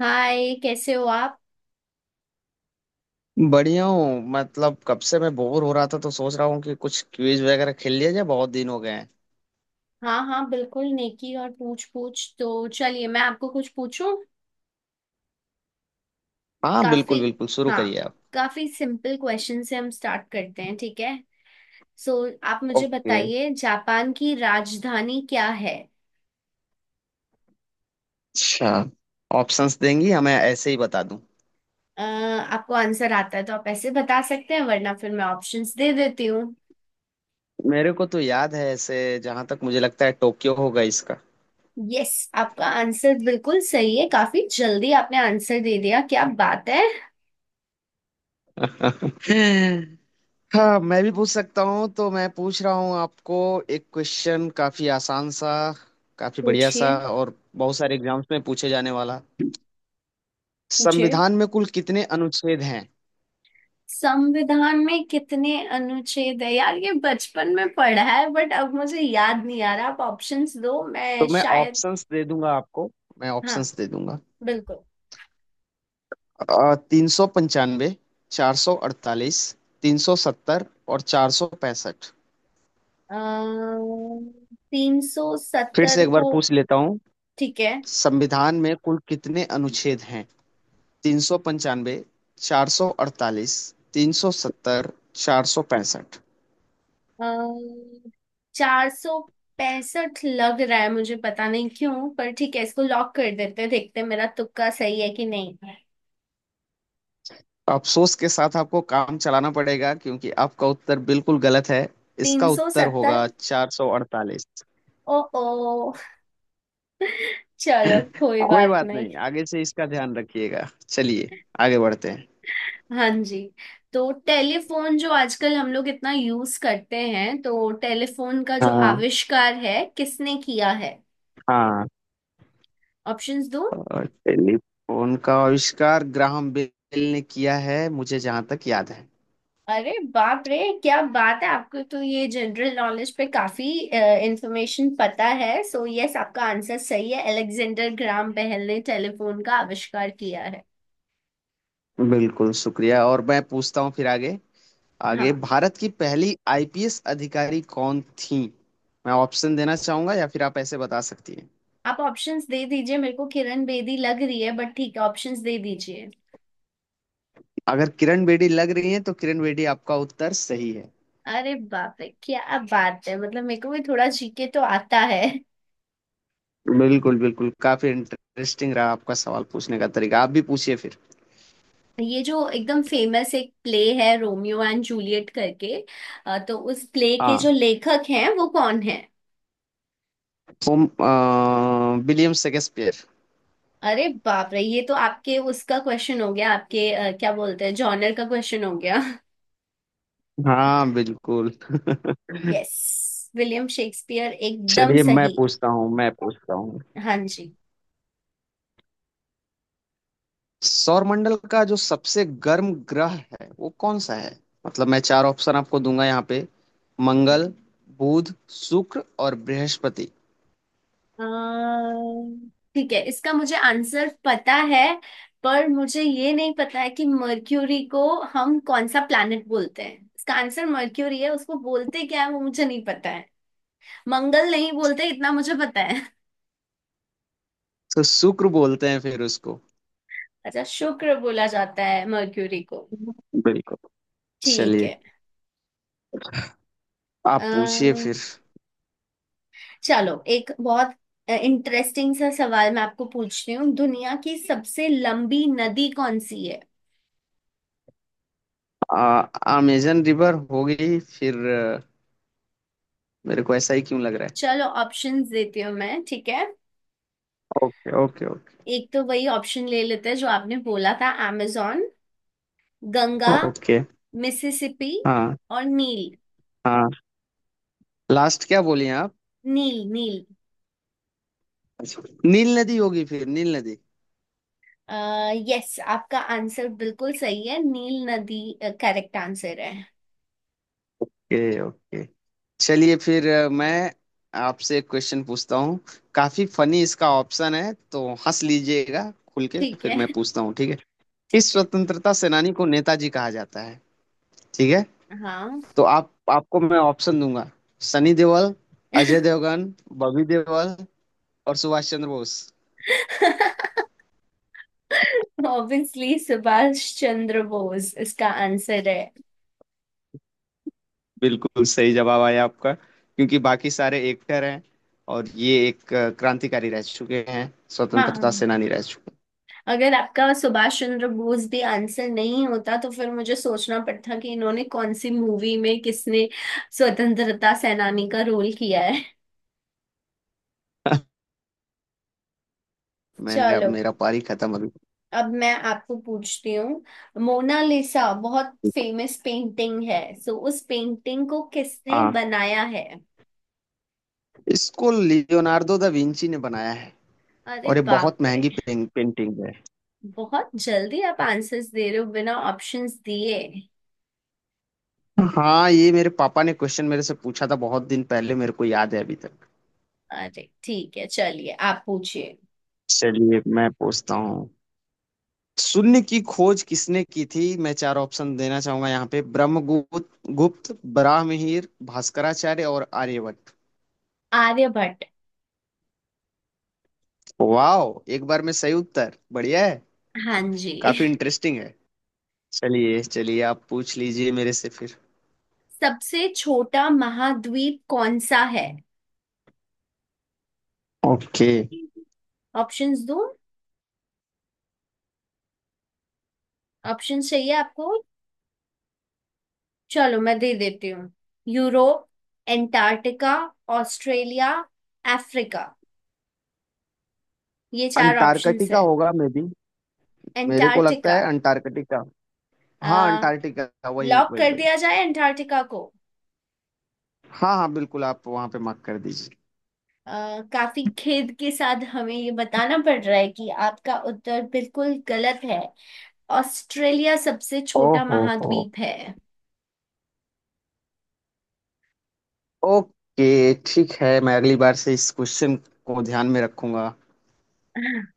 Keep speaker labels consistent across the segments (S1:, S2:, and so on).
S1: हाय, कैसे हो आप।
S2: बढ़िया हूँ। मतलब कब से मैं बोर हो रहा था, तो सोच रहा हूँ कि कुछ क्विज वगैरह खेल लिया जाए, बहुत दिन हो गए हैं।
S1: हाँ हाँ, बिल्कुल। नेकी और पूछ पूछ, तो चलिए मैं आपको कुछ पूछूं।
S2: हाँ
S1: काफी
S2: बिल्कुल बिल्कुल, शुरू
S1: हाँ,
S2: करिए आप।
S1: काफी सिंपल क्वेश्चन से हम स्टार्ट करते हैं, ठीक है। सो, आप मुझे
S2: ओके।
S1: बताइए, जापान की राजधानी क्या है।
S2: अच्छा, ऑप्शंस देंगी हमें ऐसे ही बता दूं?
S1: आपको आंसर आता है तो आप ऐसे बता सकते हैं, वरना फिर मैं ऑप्शंस दे देती हूँ।
S2: मेरे को तो याद है ऐसे। जहां तक मुझे लगता है टोक्यो होगा इसका।
S1: यस, आपका आंसर बिल्कुल सही है। काफी जल्दी आपने आंसर दे दिया, क्या बात है।
S2: हाँ, मैं भी पूछ सकता हूँ तो मैं पूछ रहा हूँ आपको। एक क्वेश्चन, काफी आसान सा, काफी बढ़िया सा
S1: पूछिए।
S2: और बहुत सारे एग्जाम्स में पूछे जाने वाला।
S1: पूछिए,
S2: संविधान में कुल कितने अनुच्छेद हैं?
S1: संविधान में कितने अनुच्छेद है यार, ये बचपन में पढ़ा है बट अब मुझे याद नहीं आ रहा, आप ऑप्शंस दो,
S2: तो
S1: मैं
S2: मैं
S1: शायद।
S2: ऑप्शंस दे दूंगा आपको। मैं
S1: हाँ,
S2: ऑप्शंस दे दूंगा।
S1: बिल्कुल।
S2: 395। 448। 370। और 465।
S1: अः, तीन सौ
S2: फिर से
S1: सत्तर
S2: एक बार
S1: को।
S2: पूछ लेता हूँ।
S1: ठीक है।
S2: संविधान में कुल कितने अनुच्छेद हैं? 395। चार सौ अड़तालीस। तीन सौ सत्तर। 465।
S1: अः, चार सौ पैंसठ लग रहा है मुझे, पता नहीं क्यों, पर ठीक है, इसको लॉक कर देते हैं, देखते हैं मेरा तुक्का सही है कि नहीं।
S2: अफसोस के साथ आपको काम चलाना पड़ेगा, क्योंकि आपका उत्तर बिल्कुल गलत है।
S1: तीन
S2: इसका
S1: सौ
S2: उत्तर
S1: सत्तर।
S2: होगा 448।
S1: ओ ओ, चलो कोई
S2: कोई
S1: बात
S2: बात
S1: नहीं।
S2: नहीं, आगे से इसका ध्यान रखिएगा। चलिए आगे बढ़ते हैं।
S1: हाँ जी। तो टेलीफोन जो आजकल हम लोग इतना यूज करते हैं, तो टेलीफोन का जो
S2: हाँ
S1: आविष्कार है किसने किया है।
S2: हाँ।
S1: ऑप्शंस दो।
S2: और टेलीफोन का आविष्कार ग्राहम बेल ने किया है, मुझे जहां तक याद है।
S1: अरे बाप रे, क्या बात है, आपको तो ये जनरल नॉलेज पे काफी इंफॉर्मेशन पता है। यस, आपका आंसर सही है, अलेक्जेंडर ग्राम बेल ने टेलीफोन का आविष्कार किया है।
S2: बिल्कुल शुक्रिया। और मैं पूछता हूँ फिर आगे। आगे,
S1: हाँ।
S2: भारत की पहली आईपीएस अधिकारी कौन थी? मैं ऑप्शन देना चाहूंगा या फिर आप ऐसे बता सकती हैं।
S1: आप ऑप्शंस दे दीजिए, मेरे को किरण बेदी लग रही है बट ठीक है, ऑप्शंस दे दीजिए।
S2: अगर किरण बेदी लग रही हैं तो किरण बेदी आपका उत्तर सही है।
S1: अरे बाप रे, क्या बात है, मतलब मेरे को भी थोड़ा जीके तो आता है।
S2: बिल्कुल बिल्कुल। काफी इंटरेस्टिंग रहा आपका सवाल पूछने का तरीका। आप भी पूछिए फिर।
S1: ये जो एकदम फेमस एक प्ले है, रोमियो एंड जूलियट करके, तो उस प्ले के
S2: हाँ।
S1: जो लेखक हैं वो कौन है।
S2: William Shakespeare.
S1: अरे बाप रे, ये तो आपके उसका क्वेश्चन हो गया, आपके क्या बोलते हैं, जॉनर का क्वेश्चन हो गया।
S2: हाँ बिल्कुल।
S1: यस, विलियम शेक्सपियर एकदम
S2: चलिए मैं
S1: सही।
S2: पूछता हूँ, मैं पूछता हूँ।
S1: हाँ जी।
S2: सौरमंडल का जो सबसे गर्म ग्रह है वो कौन सा है? मतलब मैं चार ऑप्शन आपको दूंगा यहाँ पे। मंगल, बुध, शुक्र और बृहस्पति।
S1: अम्म, ठीक है, इसका मुझे आंसर पता है, पर मुझे ये नहीं पता है कि मर्क्यूरी को हम कौन सा प्लैनेट बोलते हैं। इसका आंसर मर्क्यूरी है, उसको बोलते क्या है वो मुझे नहीं पता। मंगल नहीं बोलते इतना मुझे पता है।
S2: तो शुक्र बोलते हैं फिर उसको।
S1: अच्छा, शुक्र बोला जाता है मर्क्यूरी को।
S2: बिल्कुल।
S1: ठीक
S2: चलिए
S1: है।
S2: आप पूछिए
S1: अम्म,
S2: फिर।
S1: चलो एक बहुत इंटरेस्टिंग सा सवाल मैं आपको पूछती हूँ, दुनिया की सबसे लंबी नदी कौन सी है।
S2: अमेजन रिवर होगी फिर। मेरे को ऐसा ही क्यों लग रहा है।
S1: चलो, ऑप्शंस देती हूँ मैं, ठीक है।
S2: Okay okay okay.
S1: एक तो वही ऑप्शन ले लेते हैं जो आपने बोला था, amazon, गंगा,
S2: ओके।
S1: मिसिसिपी
S2: हाँ।
S1: और नील।
S2: हाँ। लास्ट क्या बोलिए आप?
S1: नील नील।
S2: अच्छा, नील नदी होगी फिर। नील नदी।
S1: अः, यस, आपका आंसर बिल्कुल सही है, नील नदी करेक्ट आंसर है।
S2: Okay okay. चलिए फिर मैं आपसे एक क्वेश्चन पूछता हूँ। काफी फनी इसका ऑप्शन है, तो हंस लीजिएगा खुल के
S1: ठीक
S2: फिर
S1: है।
S2: मैं पूछता हूँ, ठीक है? किस
S1: ठीक है।
S2: स्वतंत्रता सेनानी को नेताजी कहा जाता है? ठीक है।
S1: हाँ।
S2: तो आप आपको मैं ऑप्शन दूंगा। सनी देओल, अजय देवगन, बॉबी देओल और सुभाष चंद्र बोस।
S1: ऑब्वियसली सुभाष चंद्र बोस इसका आंसर है।
S2: बिल्कुल सही जवाब आया आपका, क्योंकि बाकी सारे एक्टर हैं और ये एक क्रांतिकारी रह चुके हैं, स्वतंत्रता
S1: हाँ,
S2: सेनानी रह चुके हैं।
S1: अगर आपका सुभाष चंद्र बोस भी आंसर नहीं होता तो फिर मुझे सोचना पड़ता कि इन्होंने कौन सी मूवी में किसने स्वतंत्रता सेनानी का रोल किया है।
S2: मैंने अब
S1: चलो,
S2: मेरा पारी खत्म अभी।
S1: अब मैं आपको पूछती हूँ, मोनालिसा बहुत फेमस पेंटिंग है, सो उस पेंटिंग को किसने
S2: हाँ।
S1: बनाया है।
S2: इसको लियोनार्डो दा विंची ने बनाया है।
S1: अरे
S2: और ये बहुत
S1: बाप रे,
S2: महंगी पेंटिंग है।
S1: बहुत जल्दी आप आंसर्स दे रहे हो बिना ऑप्शंस दिए।
S2: हाँ, ये मेरे पापा ने क्वेश्चन मेरे से पूछा था बहुत दिन पहले, मेरे को याद है अभी तक।
S1: अरे ठीक है, चलिए आप पूछिए।
S2: चलिए मैं पूछता हूँ। शून्य की खोज किसने की थी? मैं चार ऑप्शन देना चाहूंगा यहाँ पे। ब्रह्मगुप्त, गुप्त बराहमिहिर, भास्कराचार्य और आर्यभट्ट।
S1: आर्यभट्ट।
S2: वाओ, एक बार में सही उत्तर, बढ़िया है।
S1: हाँ जी।
S2: काफी इंटरेस्टिंग है। चलिए चलिए आप पूछ लीजिए मेरे से फिर।
S1: सबसे छोटा महाद्वीप कौन सा है।
S2: ओके।
S1: ऑप्शंस दूं, ऑप्शंस चाहिए आपको, चलो मैं दे देती हूँ। यूरोप, एंटार्क्टिका, ऑस्ट्रेलिया, अफ्रीका, ये चार ऑप्शंस
S2: अंटार्कटिका
S1: है।
S2: होगा मे बी। मेरे को लगता
S1: एंटार्क्टिका।
S2: है अंटार्कटिका। हाँ अंटार्कटिका, वही
S1: लॉक
S2: वही
S1: कर
S2: वही।
S1: दिया जाए एंटार्क्टिका को।
S2: हाँ हाँ बिल्कुल, आप वहां पे मार्क कर दीजिए।
S1: काफी खेद के साथ हमें ये बताना पड़ रहा है कि आपका उत्तर बिल्कुल गलत है। ऑस्ट्रेलिया सबसे छोटा
S2: ओहो हो।
S1: महाद्वीप है।
S2: ओके ठीक है, मैं अगली बार से इस क्वेश्चन को ध्यान में रखूंगा।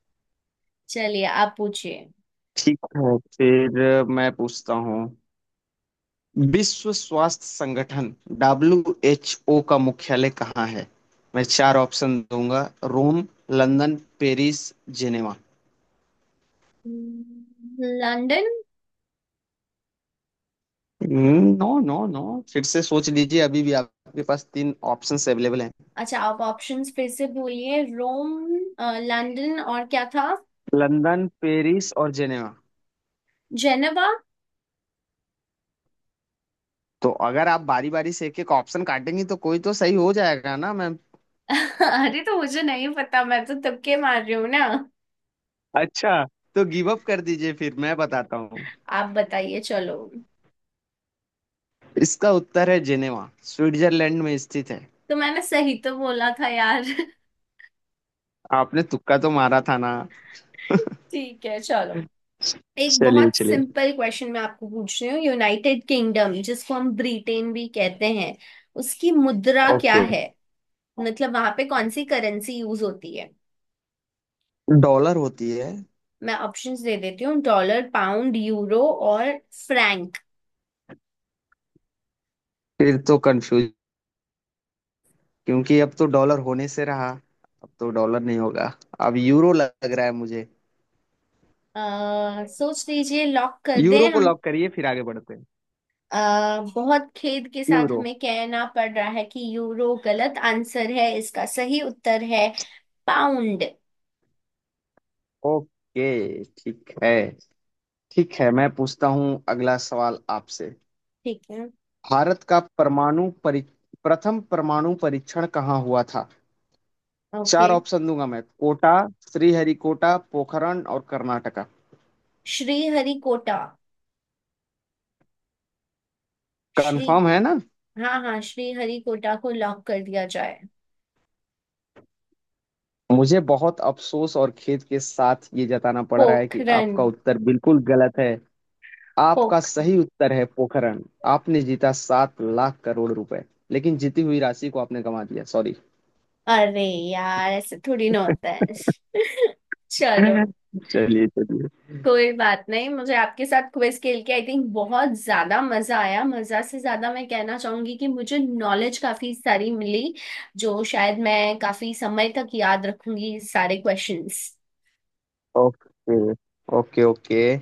S1: चलिए आप पूछिए।
S2: ठीक है, फिर मैं पूछता हूँ। विश्व स्वास्थ्य संगठन, WHO का मुख्यालय कहाँ है? मैं चार ऑप्शन दूंगा। Rome, London, Paris, Geneva.
S1: London.
S2: No no no. फिर से सोच लीजिए, अभी भी आपके पास तीन ऑप्शंस अवेलेबल हैं।
S1: अच्छा, आप ऑप्शंस फिर से बोलिए। रोम, लंदन, और क्या था।
S2: लंदन, पेरिस और जिनेवा।
S1: जेनेवा।
S2: तो अगर आप बारी बारी से एक एक ऑप्शन काटेंगी तो कोई तो सही हो जाएगा ना मैम।
S1: अरे, तो मुझे नहीं पता, मैं तो तुक्के मार रही हूँ ना।
S2: अच्छा। तो गिव अप कर दीजिए, फिर मैं बताता हूँ।
S1: आप बताइए चलो।
S2: इसका उत्तर है जिनेवा, स्विट्जरलैंड में स्थित है।
S1: तो मैंने सही तो बोला था यार।
S2: आपने तुक्का तो मारा था ना।
S1: ठीक है चलो। एक
S2: चलिए
S1: बहुत
S2: चलिए।
S1: सिंपल क्वेश्चन मैं आपको पूछ रही हूँ, यूनाइटेड किंगडम जिसको हम ब्रिटेन भी कहते हैं, उसकी मुद्रा क्या
S2: ओके।
S1: है। मतलब वहां पे कौन सी करेंसी यूज होती है।
S2: डॉलर होती है।
S1: मैं ऑप्शंस दे देती हूँ, डॉलर, पाउंड, यूरो और फ्रैंक।
S2: फिर तो कंफ्यूज, क्योंकि अब तो डॉलर होने से रहा। अब तो डॉलर नहीं होगा। अब यूरो लग रहा है मुझे।
S1: सोच लीजिए, लॉक कर दें
S2: यूरो को
S1: हम।
S2: लॉक करिए, फिर आगे बढ़ते हैं।
S1: अ, बहुत खेद के साथ
S2: यूरो।
S1: हमें कहना पड़ रहा है कि यूरो गलत आंसर है, इसका सही उत्तर है पाउंड।
S2: ओके। ठीक है। ठीक है, मैं पूछता हूँ अगला सवाल आपसे।
S1: ठीक है।
S2: भारत का परमाणु परी प्रथम परमाणु परीक्षण कहाँ हुआ था?
S1: ओके।
S2: चार ऑप्शन दूंगा मैं। कोटा, श्रीहरिकोटा, पोखरण और कर्नाटका।
S1: श्री हरिकोटा। श्री
S2: कंफर्म है ना?
S1: हाँ हाँ, श्री हरिकोटा को लॉक कर दिया जाए।
S2: मुझे बहुत अफसोस और खेद के साथ ये जताना पड़ रहा है कि
S1: पोखरन।
S2: आपका उत्तर बिल्कुल गलत है। आपका
S1: पोखरन।
S2: सही उत्तर है पोखरण। आपने जीता 7 लाख करोड़ रुपए। लेकिन जीती हुई राशि को आपने गंवा दिया, सॉरी।
S1: अरे यार, ऐसे थोड़ी ना होता है। चलो,
S2: चलिए चलिए।
S1: कोई बात नहीं, मुझे आपके साथ क्विज खेल के आई थिंक बहुत ज्यादा मजा आया। मजा से ज्यादा मैं कहना चाहूंगी कि मुझे नॉलेज काफी सारी मिली जो शायद मैं काफी समय तक याद रखूंगी सारे क्वेश्चंस।
S2: Okay okay okay.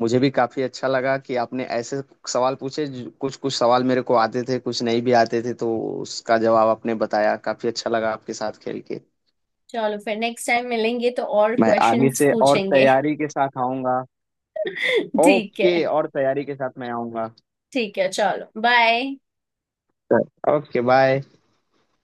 S2: मुझे भी काफी अच्छा लगा कि आपने ऐसे सवाल पूछे कुछ कुछ सवाल मेरे को आते थे, कुछ नहीं भी आते थे, तो उसका जवाब आपने बताया। काफी अच्छा लगा आपके साथ खेल के।
S1: चलो, फिर नेक्स्ट टाइम मिलेंगे तो और
S2: मैं आगे
S1: क्वेश्चंस
S2: से और
S1: पूछेंगे।
S2: तैयारी के साथ आऊंगा।
S1: ठीक
S2: ओके,
S1: है।
S2: और तैयारी के साथ मैं आऊंगा।
S1: ठीक है चलो, बाय।
S2: Okay bye.